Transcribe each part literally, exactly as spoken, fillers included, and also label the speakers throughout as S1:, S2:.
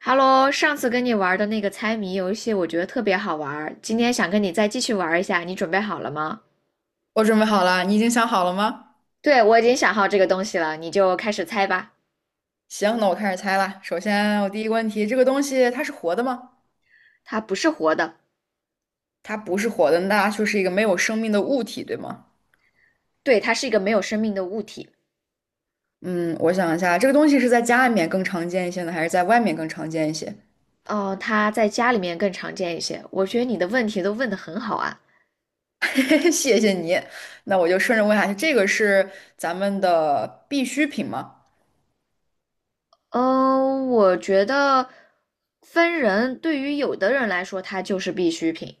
S1: Hello，上次跟你玩的那个猜谜游戏，我觉得特别好玩儿，今天想跟你再继续玩一下，你准备好了吗？
S2: 我准备好了，你已经想好了吗？
S1: 对，我已经想好这个东西了，你就开始猜吧。
S2: 行，那我开始猜了。首先，我第一个问题，这个东西它是活的吗？
S1: 它不是活的。
S2: 它不是活的，那它就是一个没有生命的物体，对吗？
S1: 对，它是一个没有生命的物体。
S2: 嗯，我想一下，这个东西是在家里面更常见一些呢，还是在外面更常见一些？
S1: 嗯、它在家里面更常见一些。我觉得你的问题都问得很好啊。
S2: 谢谢你。那我就顺着问下去，这个是咱们的必需品吗？
S1: 嗯、我觉得分人，对于有的人来说，它就是必需品。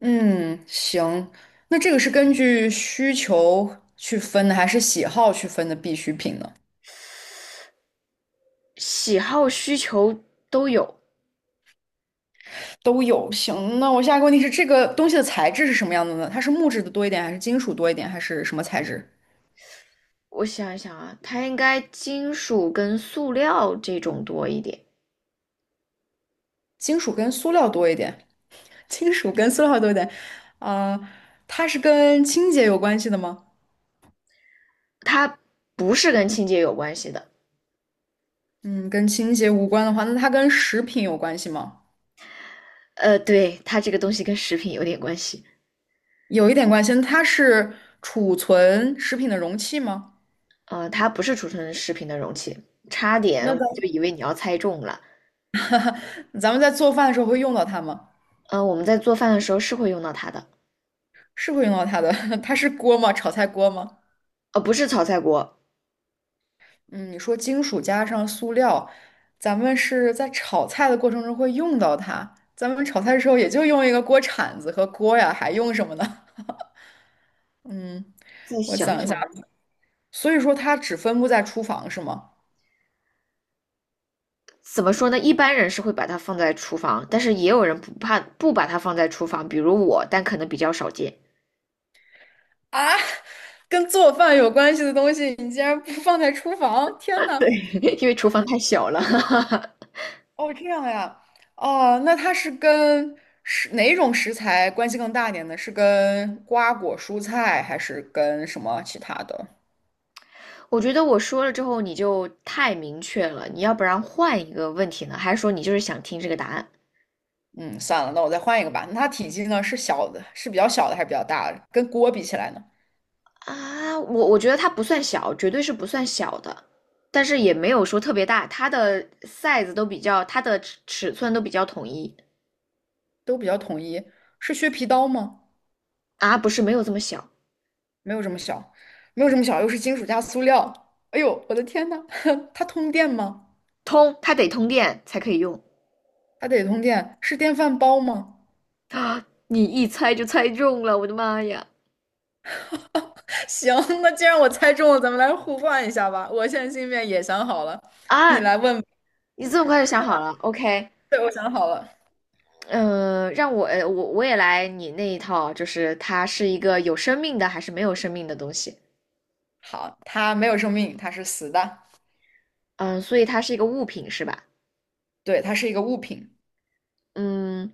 S2: 嗯，行。那这个是根据需求去分的，还是喜好去分的必需品呢？
S1: 喜好需求都有。
S2: 都有。行，那我下一个问题是，这个东西的材质是什么样的呢？它是木质的多一点，还是金属多一点，还是什么材质？
S1: 我想一想啊，它应该金属跟塑料这种多一点。
S2: 金属跟塑料多一点，金属跟塑料多一点。呃，它是跟清洁有关系的吗？
S1: 它不是跟清洁有关系的。
S2: 嗯，跟清洁无关的话，那它跟食品有关系吗？
S1: 呃，对，它这个东西跟食品有点关系。
S2: 有一点关系。那它是储存食品的容器吗？
S1: 呃，它不是储存食品的容器，差点
S2: 那
S1: 我
S2: 咱
S1: 就以为你要猜中了。
S2: 咱们在做饭的时候会用到它吗？
S1: 呃，我们在做饭的时候是会用到它的。
S2: 是会用到它的。它是锅吗？炒菜锅吗？
S1: 呃，不是炒菜锅。
S2: 嗯，你说金属加上塑料，咱们是在炒菜的过程中会用到它。咱们炒菜的时候也就用一个锅铲子和锅呀，还用什么呢？嗯，
S1: 再
S2: 我
S1: 想
S2: 想一下，
S1: 想吧。
S2: 所以说它只分布在厨房是吗？
S1: 怎么说呢？一般人是会把它放在厨房，但是也有人不怕不把它放在厨房，比如我，但可能比较少见。
S2: 啊，跟做饭有关系的东西，你竟然不放在厨房？天 呐！
S1: 对，因为厨房太小了。
S2: 哦，这样呀，哦，那它是跟食哪种食材关系更大一点呢？是跟瓜果蔬菜，还是跟什么其他的？
S1: 我觉得我说了之后你就太明确了，你要不然换一个问题呢？还是说你就是想听这个答案
S2: 嗯，算了，那我再换一个吧。那它体积呢是小的，是比较小的还是比较大的？跟锅比起来呢，
S1: 啊？我我觉得它不算小，绝对是不算小的，但是也没有说特别大。它的 size 都比较，它的尺尺寸都比较统一
S2: 都比较统一。是削皮刀吗？
S1: 啊。不是没有这么小。
S2: 没有这么小，没有这么小，又是金属加塑料。哎呦，我的天呐，它通电吗？
S1: 通它得通电才可以用。
S2: 它得通电。是电饭煲吗？
S1: 啊！你一猜就猜中了，我的妈呀！
S2: 行，那既然我猜中了，咱们来互换一下吧。我现在心里面也想好了，
S1: 啊，
S2: 你来问吧
S1: 你这么快就想好了？OK。
S2: 对，我想好了。
S1: 嗯，让我呃我我也来你那一套，就是它是一个有生命的还是没有生命的东西？
S2: 好，它没有生命，它是死的。
S1: 嗯，所以它是一个物品是吧？
S2: 对，它是一个物品。
S1: 嗯，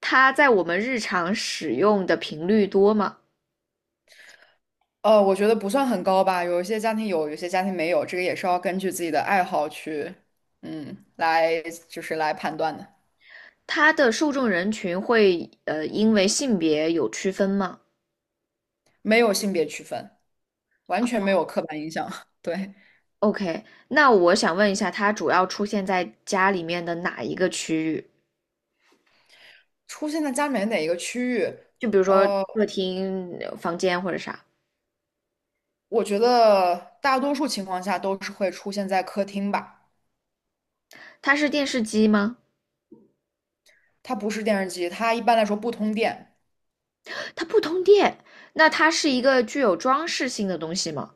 S1: 它在我们日常使用的频率多吗？
S2: 呃，我觉得不算很高吧，有一些家庭有，有些家庭没有，这个也是要根据自己的爱好去，嗯，来就是来判断的，
S1: 它的受众人群会呃因为性别有区分吗
S2: 没有性别区分，完全没有刻板印象。对，
S1: ？OK，那我想问一下，它主要出现在家里面的哪一个区域？
S2: 出现在家里面哪一个区域，
S1: 就比如说
S2: 呃，
S1: 客厅、呃房间或者啥？
S2: 我觉得大多数情况下都是会出现在客厅吧，
S1: 它是电视机吗？
S2: 它不是电视机，它一般来说不通电。
S1: 它不通电。那它是一个具有装饰性的东西吗？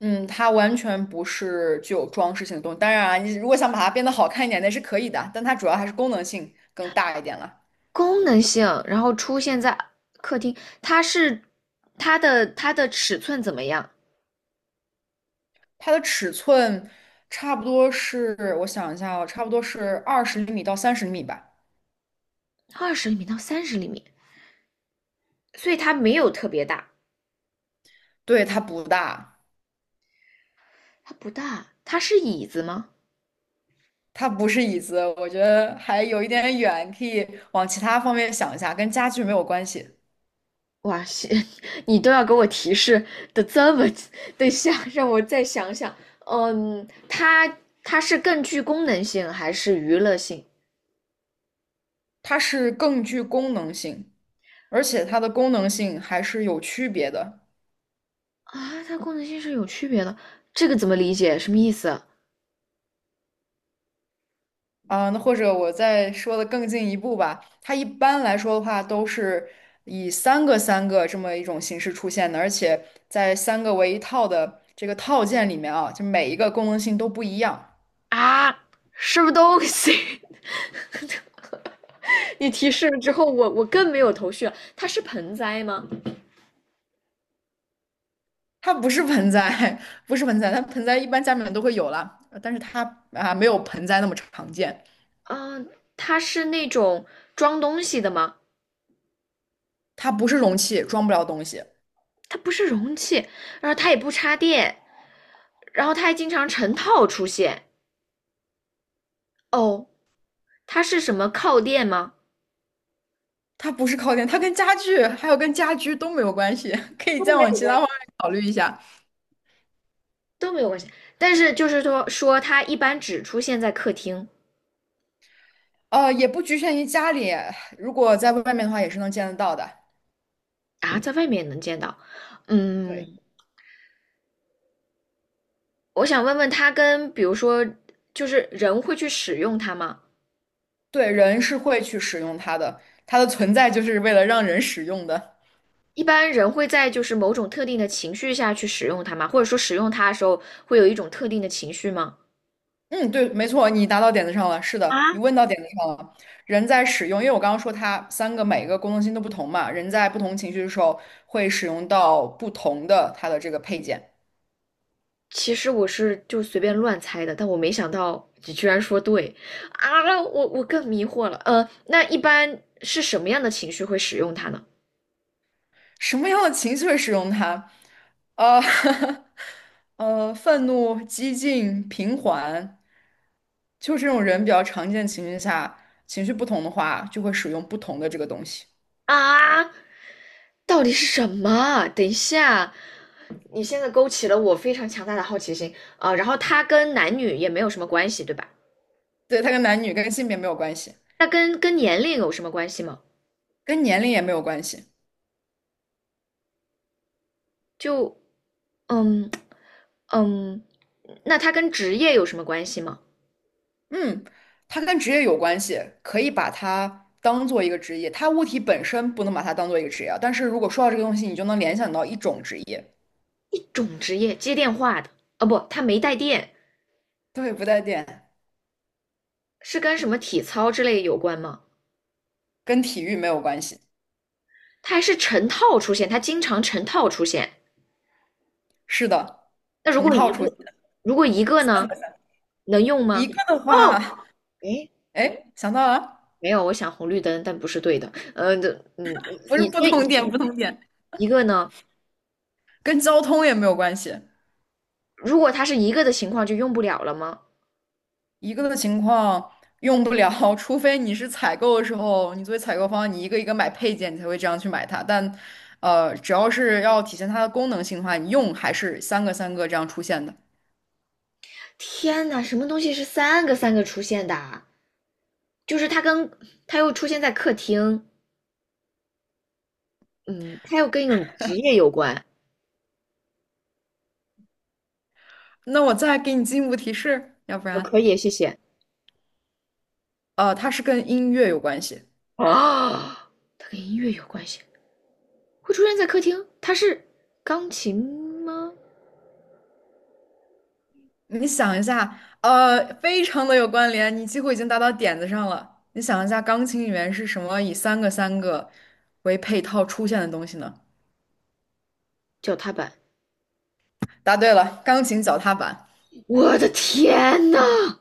S2: 嗯，它完全不是具有装饰性的东西。当然啊，你如果想把它变得好看一点，那是可以的，但它主要还是功能性更大一点了。
S1: 功能性，然后出现在客厅。它是它的它的尺寸怎么样？
S2: 它的尺寸差不多是，我想一下哦，差不多是二十厘米到三十厘米吧。
S1: 二十厘米到三十厘米，所以它没有特别大。
S2: 对，它不大，
S1: 它不大。它是椅子吗？
S2: 它不是椅子，我觉得还有一点远，可以往其他方面想一下，跟家具没有关系。
S1: 哇塞，你都要给我提示的这么。等一下让我再想想。嗯，它它是更具功能性还是娱乐性
S2: 它是更具功能性，而且它的功能性还是有区别的。
S1: 啊？它功能性是有区别的，这个怎么理解？什么意思啊？
S2: 啊，那或者我再说的更进一步吧，它一般来说的话都是以三个三个这么一种形式出现的，而且在三个为一套的这个套件里面啊，就每一个功能性都不一样。
S1: 啊，什么东西？你提示了之后，我我更没有头绪了。它是盆栽吗？
S2: 它不是盆栽，不是盆栽，它盆栽一般家里面都会有啦，呃但是它啊没有盆栽那么常见。
S1: 嗯、它是那种装东西的吗？
S2: 它不是容器，装不了东西。
S1: 它不是容器。然后它也不插电。然后它还经常成套出现。哦，它是什么靠垫吗？
S2: 它不是靠垫，它跟家具还有跟家居都没有关系，可以
S1: 都
S2: 再
S1: 没有
S2: 往其他
S1: 关
S2: 方面
S1: 系。
S2: 考虑一下。
S1: 都没有关系，但是就是说说它一般只出现在客厅
S2: 呃，也不局限于家里，如果在外面的话，也是能见得到的。
S1: 啊。在外面也能见到。
S2: 对，
S1: 嗯，我想问问它跟比如说，就是人会去使用它吗？
S2: 对，人是会去使用它的，它的存在就是为了让人使用的。
S1: 一般人会在就是某种特定的情绪下去使用它吗？或者说使用它的时候会有一种特定的情绪吗？
S2: 嗯，对，没错，你答到点子上了。是
S1: 啊，
S2: 的，你问到点子上了。人在使用，因为我刚刚说它三个每一个功能性都不同嘛，人在不同情绪的时候会使用到不同的它的这个配件。
S1: 其实我是就随便乱猜的，但我没想到你居然说对啊！我我更迷惑了。呃，那一般是什么样的情绪会使用它呢？
S2: 什么样的情绪会使用它？呃，呃，愤怒、激进、平缓，就这种人比较常见的情绪下，情绪不同的话，就会使用不同的这个东西。
S1: 啊，到底是什么？等一下，你现在勾起了我非常强大的好奇心啊！然后它跟男女也没有什么关系，对吧？
S2: 对，它跟男女、跟性别没有关系，
S1: 那跟跟年龄有什么关系吗？
S2: 跟年龄也没有关系。
S1: 就嗯，嗯，那它跟职业有什么关系吗？
S2: 嗯，它跟职业有关系，可以把它当做一个职业。它物体本身不能把它当做一个职业啊但是如果说到这个东西，你就能联想到一种职业。
S1: 一种职业接电话的。哦不，它没带电。
S2: 对，不带电，
S1: 是跟什么体操之类有关吗？
S2: 跟体育没有关系。
S1: 它还是成套出现，它经常成套出现。
S2: 是的，
S1: 那如
S2: 成
S1: 果一
S2: 套
S1: 个，
S2: 出。
S1: 如果一个呢，能用
S2: 一
S1: 吗？
S2: 个的话，
S1: 哦，诶，
S2: 哎，想到了，
S1: 没有，我想红绿灯，但不是对的。呃，的，嗯，
S2: 不是
S1: 一
S2: 不同点，不同点，
S1: 一个呢，
S2: 跟交通也没有关系。
S1: 如果它是一个的情况，就用不了了吗？
S2: 一个的情况用不了，除非你是采购的时候，你作为采购方，你一个一个买配件，你才会这样去买它。但，呃，只要是要体现它的功能性的话，你用还是三个三个这样出现的。
S1: 天呐，什么东西是三个三个出现的啊？就是它跟它又出现在客厅。嗯，它又跟一种职业有关。
S2: 那我再给你进一步提示，要不
S1: 呃，可
S2: 然，
S1: 以，谢谢。
S2: 呃，它是跟音乐有关系。
S1: 啊 它跟音乐有关系，会出现在客厅。它是钢琴吗？
S2: 你想一下，呃，非常的有关联，你几乎已经答到点子上了。你想一下，钢琴里面是什么以三个三个为配套出现的东西呢？
S1: 脚踏板。
S2: 答对了，钢琴脚踏板。
S1: 我的天呐！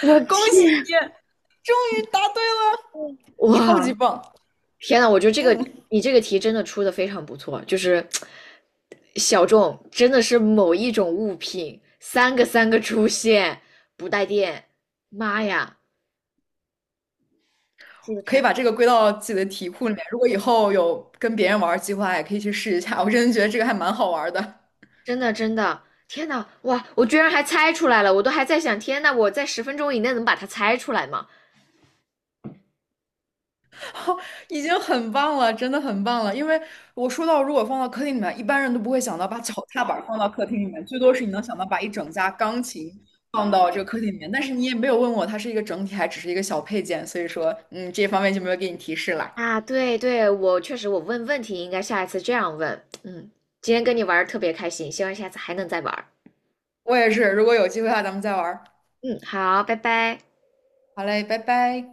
S1: 我的
S2: 恭喜
S1: 天，
S2: 你，终于答对了，超级
S1: 哇，
S2: 棒！
S1: 天呐！我觉得这个
S2: 嗯，
S1: 你这个题真的出的非常不错，就是小众，真的是某一种物品，三个三个出现，不带电。妈呀，的
S2: 可
S1: 太
S2: 以
S1: 好。
S2: 把这个归到自己的题库里面。如果以后有跟别人玩儿计划，也可以去试一下。我真的觉得这个还蛮好玩儿的。
S1: 真的真的，天呐，哇！我居然还猜出来了。我都还在想，天呐，我在十分钟以内能把它猜出来吗？
S2: 已经很棒了，真的很棒了。因为我说到，如果放到客厅里面，一般人都不会想到把 脚踏板放到客厅里面，最多是你能想到把一整架钢琴放到这个客厅里面。但是你也没有问我它是一个整体，还只是一个小配件，所以说，嗯，这方面就没有给你提示了。
S1: 啊，对对，我确实，我问问题应该下一次这样问。嗯，今天跟你玩儿特别开心，希望下次还能再玩儿。
S2: 我也是，如果有机会的话，咱们再玩儿
S1: 嗯，好，拜拜。
S2: 好嘞，拜拜。